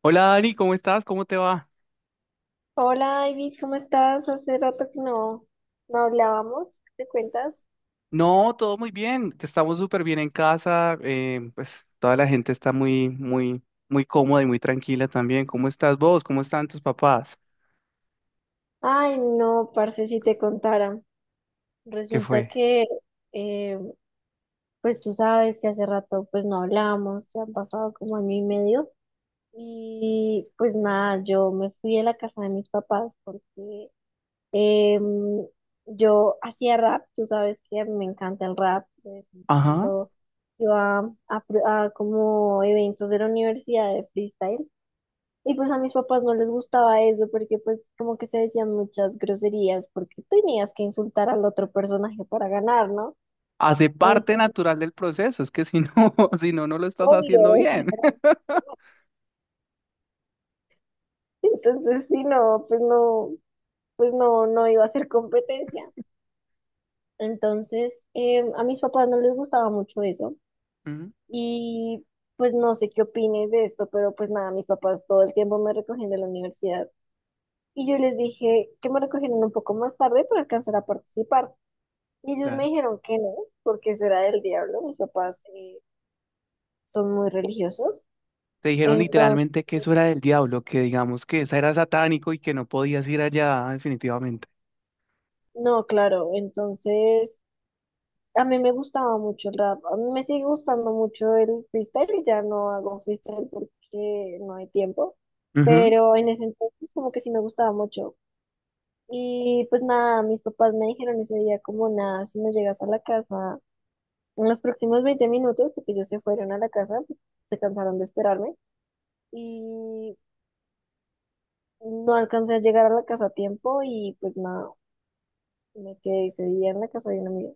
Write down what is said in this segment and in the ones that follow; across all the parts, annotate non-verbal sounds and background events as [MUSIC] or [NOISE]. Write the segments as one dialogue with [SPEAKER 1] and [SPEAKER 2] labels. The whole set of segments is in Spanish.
[SPEAKER 1] Hola Dani, ¿cómo estás? ¿Cómo te va?
[SPEAKER 2] Hola, David, ¿cómo estás? Hace rato que no hablábamos. ¿Qué te cuentas?
[SPEAKER 1] No, todo muy bien. Estamos súper bien en casa. Pues toda la gente está muy, muy, muy cómoda y muy tranquila también. ¿Cómo estás vos? ¿Cómo están tus papás?
[SPEAKER 2] Ay, no, parce, si te contara.
[SPEAKER 1] ¿Qué
[SPEAKER 2] Resulta
[SPEAKER 1] fue?
[SPEAKER 2] que, eh, pues tú sabes que hace rato pues no hablábamos, ya han pasado como año y medio. Y pues nada, yo me fui de la casa de mis papás porque em, yo hacía rap, tú sabes que me encanta el rap, de vez en
[SPEAKER 1] Ajá.
[SPEAKER 2] cuando iba a como eventos de la universidad de freestyle. Y pues a mis papás no les gustaba eso porque pues como que se decían muchas groserías porque tenías que insultar al otro personaje para ganar, ¿no?
[SPEAKER 1] Hace parte
[SPEAKER 2] Entonces,
[SPEAKER 1] natural del proceso. Es que si no, [LAUGHS] si no, no lo
[SPEAKER 2] [LAUGHS]
[SPEAKER 1] estás haciendo
[SPEAKER 2] obvio, o sea,
[SPEAKER 1] bien.
[SPEAKER 2] entonces sí, no, no iba a ser competencia. Entonces, a mis papás no les gustaba mucho eso
[SPEAKER 1] [LAUGHS] Ujú,
[SPEAKER 2] y pues no sé qué opines de esto, pero pues nada, mis papás todo el tiempo me recogían de la universidad y yo les dije que me recogieran un poco más tarde para alcanzar a participar. Y ellos me
[SPEAKER 1] claro.
[SPEAKER 2] dijeron que no, porque eso era del diablo. Mis papás son muy religiosos.
[SPEAKER 1] Te dijeron
[SPEAKER 2] Entonces,
[SPEAKER 1] literalmente que eso era del diablo, que digamos que esa era satánico y que no podías ir allá definitivamente.
[SPEAKER 2] no, claro, entonces a mí me gustaba mucho el rap, a mí me sigue gustando mucho el freestyle, ya no hago freestyle porque no hay tiempo, pero en ese entonces como que sí me gustaba mucho. Y pues nada, mis papás me dijeron ese día como nada, si no llegas a la casa en los próximos 20 minutos, porque ellos se fueron a la casa, se cansaron de esperarme. Y no alcancé a llegar a la casa a tiempo y pues nada, me quedé ese día en la casa de una amiga.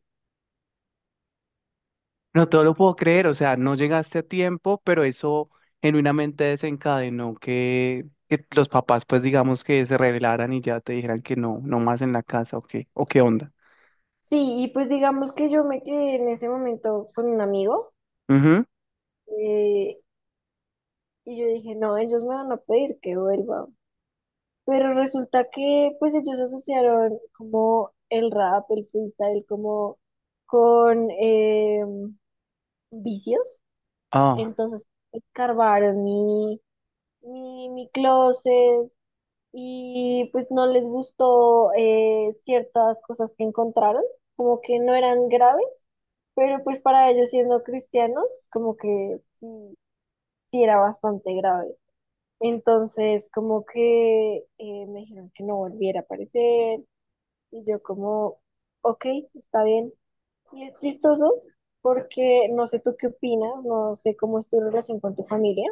[SPEAKER 1] No todo lo puedo creer, o sea, no llegaste a tiempo, pero eso genuinamente desencadenó que los papás, pues digamos que se rebelaran y ya te dijeran que no, no más en la casa, o qué onda.
[SPEAKER 2] Sí, y pues digamos que yo me quedé en ese momento con un amigo
[SPEAKER 1] Ujú,
[SPEAKER 2] eh, y yo dije, no, ellos me van a pedir que vuelva. Pero resulta que pues ellos asociaron como el rap, el freestyle, como con vicios.
[SPEAKER 1] ah,
[SPEAKER 2] Entonces escarbaron mi closet, y pues no les gustó ciertas cosas que encontraron, como que no eran graves, pero pues para ellos siendo cristianos, como que sí, sí era bastante grave. Entonces, como que me dijeron que no volviera a aparecer y yo como, ok, está bien. Y es chistoso porque no sé tú qué opinas, no sé cómo es tu relación con tu familia,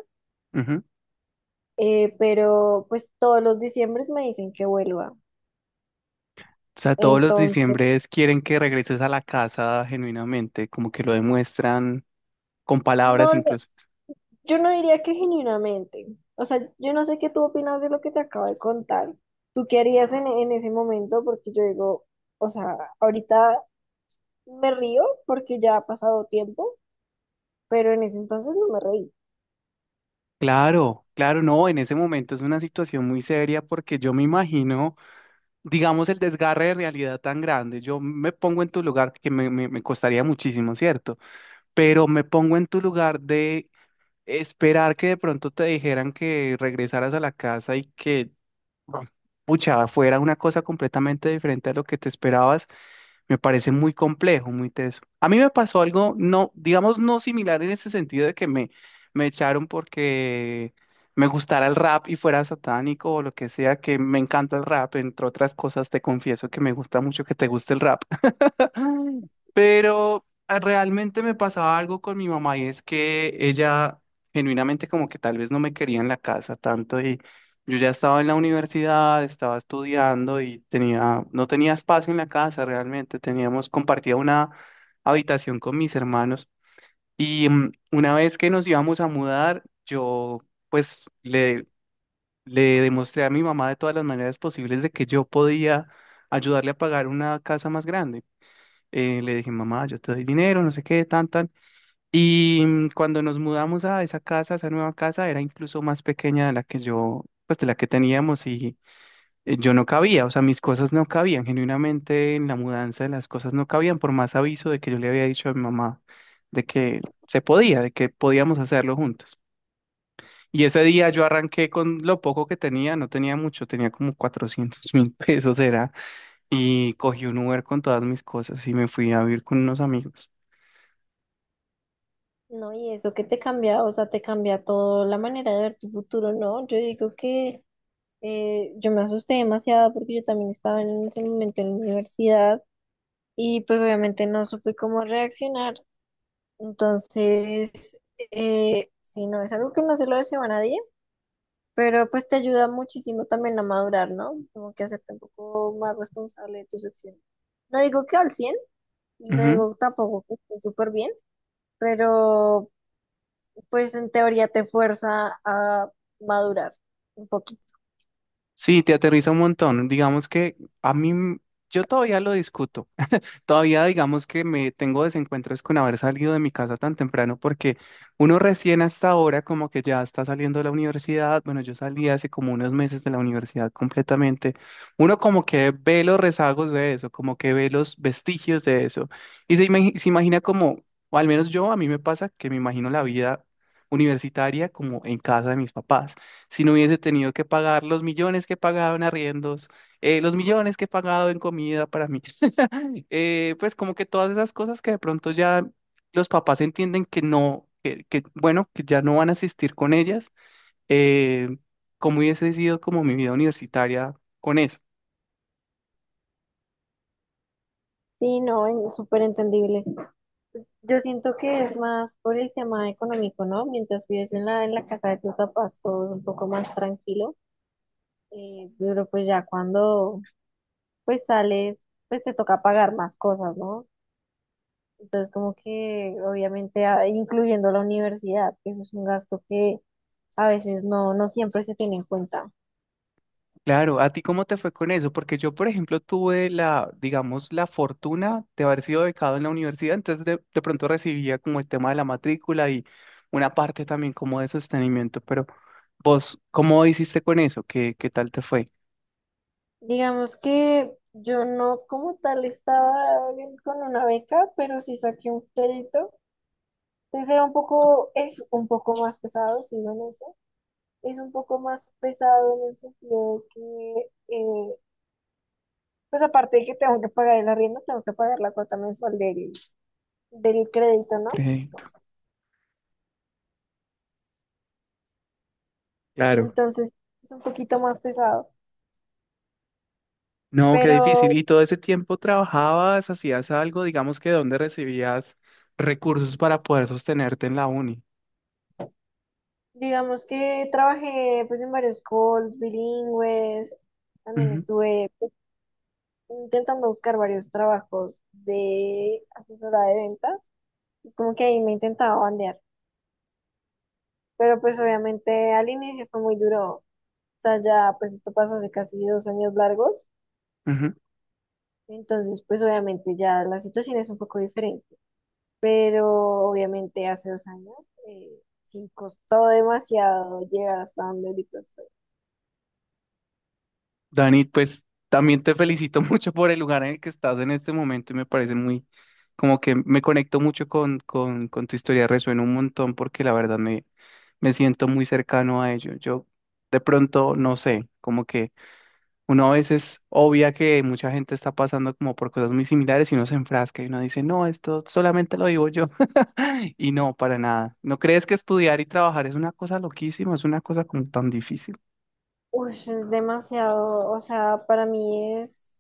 [SPEAKER 1] ujú.
[SPEAKER 2] pero pues todos los diciembres me dicen que vuelva.
[SPEAKER 1] O sea, todos los
[SPEAKER 2] Entonces,
[SPEAKER 1] diciembres quieren que regreses a la casa genuinamente, como que lo demuestran con palabras
[SPEAKER 2] no,
[SPEAKER 1] incluso.
[SPEAKER 2] yo no diría que genuinamente. O sea, yo no sé qué tú opinas de lo que te acabo de contar. ¿Tú qué harías en ese momento? Porque yo digo, o sea, ahorita me río porque ya ha pasado tiempo, pero en ese entonces no me reí.
[SPEAKER 1] Claro, claro, no, en ese momento es una situación muy seria porque yo me imagino, digamos, el desgarre de realidad tan grande. Yo me pongo en tu lugar, que me costaría muchísimo, ¿cierto? Pero me pongo en tu lugar de esperar que de pronto te dijeran que regresaras a la casa y que bueno, pucha, fuera una cosa completamente diferente a lo que te esperabas. Me parece muy complejo, muy teso. A mí me pasó algo, no, digamos, no similar en ese sentido de que me echaron porque me gustara el rap y fuera satánico o lo que sea, que me encanta el rap, entre otras cosas, te confieso que me gusta mucho que te guste el rap. Pero realmente me pasaba algo con mi mamá y es que ella genuinamente como que tal vez no me quería en la casa tanto y yo ya estaba en la universidad, estaba estudiando y tenía, no tenía espacio en la casa realmente, teníamos, compartía una habitación con mis hermanos y una vez que nos íbamos a mudar, yo pues le demostré a mi mamá de todas las maneras posibles de que yo podía ayudarle a pagar una casa más grande. Le dije, mamá, yo te doy dinero, no sé qué, tan, tan. Y cuando nos mudamos a esa casa, a esa nueva casa, era incluso más pequeña de la que yo, pues de la que teníamos y yo no cabía, o sea, mis cosas no cabían, genuinamente en la mudanza las cosas no cabían, por más aviso de que yo le había dicho a mi mamá de que se podía, de que podíamos hacerlo juntos. Y ese día yo arranqué con lo poco que tenía, no tenía mucho, tenía como 400.000 pesos, era y cogí un Uber con todas mis cosas y me fui a vivir con unos amigos.
[SPEAKER 2] No, y eso que te cambia, o sea, te cambia toda la manera de ver tu futuro, ¿no? Yo digo que yo me asusté demasiado porque yo también estaba en ese momento en la universidad y pues obviamente no supe cómo reaccionar. Entonces, sí, no, es algo que no se lo deseo a nadie, pero pues te ayuda muchísimo también a madurar, ¿no? Como que hacerte un poco más responsable de tus acciones. No digo que al 100% y no
[SPEAKER 1] Ujú.
[SPEAKER 2] digo tampoco que esté súper bien, pero pues en teoría te fuerza a madurar un poquito.
[SPEAKER 1] Sí, te aterriza un montón. Digamos que a mí, m- yo todavía lo discuto. Todavía digamos que me tengo desencuentros con haber salido de mi casa tan temprano porque uno recién hasta ahora como que ya está saliendo de la universidad, bueno, yo salí hace como unos meses de la universidad completamente, uno como que ve los rezagos de eso, como que ve los vestigios de eso y se imagina como, o al menos yo, a mí me pasa que me imagino la vida universitaria como en casa de mis papás, si no hubiese tenido que pagar los millones que pagaban arriendos los millones que he pagado en comida para mí pues como que todas esas cosas que de pronto ya los papás entienden que no, bueno, que ya no van a asistir con ellas, eh, cómo hubiese sido como mi vida universitaria con eso.
[SPEAKER 2] Sí, no, súper entendible. Yo siento que es más por el tema económico, ¿no? Mientras vives en la casa de tus papás, todo es un poco más tranquilo. Pero pues ya cuando pues sales, pues te toca pagar más cosas, ¿no? Entonces, como que obviamente incluyendo la universidad, que eso es un gasto que a veces no siempre se tiene en cuenta.
[SPEAKER 1] Claro, ¿a ti cómo te fue con eso? Porque yo, por ejemplo, tuve la, digamos, la fortuna de haber sido becado en la universidad, entonces de pronto recibía como el tema de la matrícula y una parte también como de sostenimiento, pero vos, ¿cómo hiciste con eso? ¿Qué tal te fue?
[SPEAKER 2] Digamos que yo no como tal estaba con una beca, pero sí saqué un crédito. Entonces era un poco, es un poco más pesado, sigo en eso. Es un poco más pesado en el sentido de que, pues aparte de que tengo que pagar el arriendo, tengo que pagar la cuota mensual del crédito, ¿no?
[SPEAKER 1] Crédito. Claro.
[SPEAKER 2] Entonces es un poquito más pesado.
[SPEAKER 1] No, qué difícil.
[SPEAKER 2] Pero
[SPEAKER 1] ¿Y todo ese tiempo trabajabas, hacías algo, digamos que dónde recibías recursos para poder sostenerte en la uni?
[SPEAKER 2] digamos que trabajé pues en varios calls bilingües. También
[SPEAKER 1] Ujú,
[SPEAKER 2] estuve pues, intentando buscar varios trabajos de asesora de ventas. Es como que ahí me intentaba bandear. Pero pues obviamente al inicio fue muy duro. O sea, ya pues esto pasó hace casi 2 años largos.
[SPEAKER 1] ujú.
[SPEAKER 2] Entonces pues obviamente ya la situación es un poco diferente. Pero obviamente hace 2 años eh, sí costó demasiado llegar hasta donde ahorita estoy.
[SPEAKER 1] Dani, pues también te felicito [LAUGHS] mucho por el lugar en el que estás en este momento y me parece muy, como que me conecto mucho con tu historia, resuena un montón porque la verdad me siento muy cercano a ello. Yo de pronto, no sé, como que... Uno a veces obvia que mucha gente está pasando como por cosas muy similares y uno se enfrasca y uno dice, no, esto solamente lo vivo yo. [LAUGHS] Y no, para nada. ¿No crees que estudiar y trabajar es una cosa loquísima? Es una cosa como tan difícil.
[SPEAKER 2] Uy, es demasiado, o sea, para mí es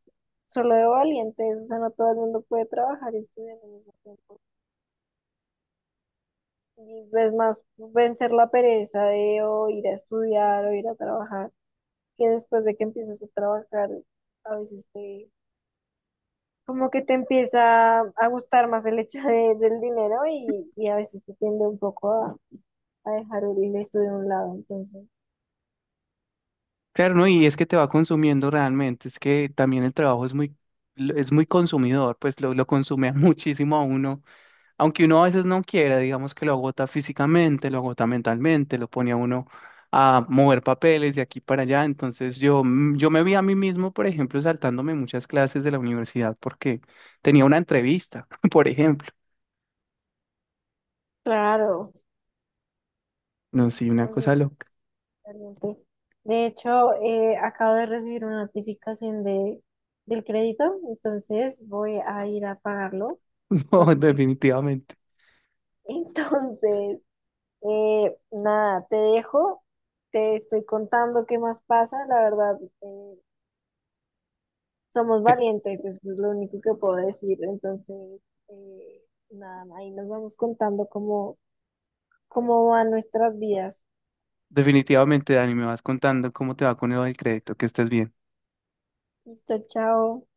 [SPEAKER 2] solo de valientes, o sea, no todo el mundo puede trabajar y estudiar al mismo tiempo. Y es más vencer la pereza de o ir a estudiar o ir a trabajar, que después de que empiezas a trabajar, a veces como que te empieza a gustar más el hecho del dinero y a veces te tiende un poco a dejar horrible esto de un lado, entonces.
[SPEAKER 1] Claro, ¿no? Y es que te va consumiendo realmente, es que también el trabajo es muy consumidor, pues lo consume [LAUGHS] a muchísimo a uno, aunque uno a veces no quiera, digamos que lo agota físicamente, lo agota mentalmente, lo pone a uno a mover papeles de aquí para allá, entonces yo me vi a mí mismo, por ejemplo, saltándome muchas clases de la universidad porque tenía una entrevista, [LAUGHS] por ejemplo,
[SPEAKER 2] Claro.
[SPEAKER 1] no, sí, una
[SPEAKER 2] Oye,
[SPEAKER 1] cosa loca,
[SPEAKER 2] excelente. De hecho, acabo de recibir una notificación de, del crédito, entonces voy a ir a pagarlo.
[SPEAKER 1] [LAUGHS] no,
[SPEAKER 2] Porque... sí.
[SPEAKER 1] definitivamente,
[SPEAKER 2] [LAUGHS] Entonces, nada, te dejo, te estoy contando qué más pasa. La verdad, somos
[SPEAKER 1] [LAUGHS]
[SPEAKER 2] valientes, eso es lo único que puedo decir. Entonces, eh, nada, ahí nos vamos contando cómo van nuestras vidas.
[SPEAKER 1] definitivamente, Dani, me vas contando cómo te va con el crédito, que estés bien.
[SPEAKER 2] Listo, chao.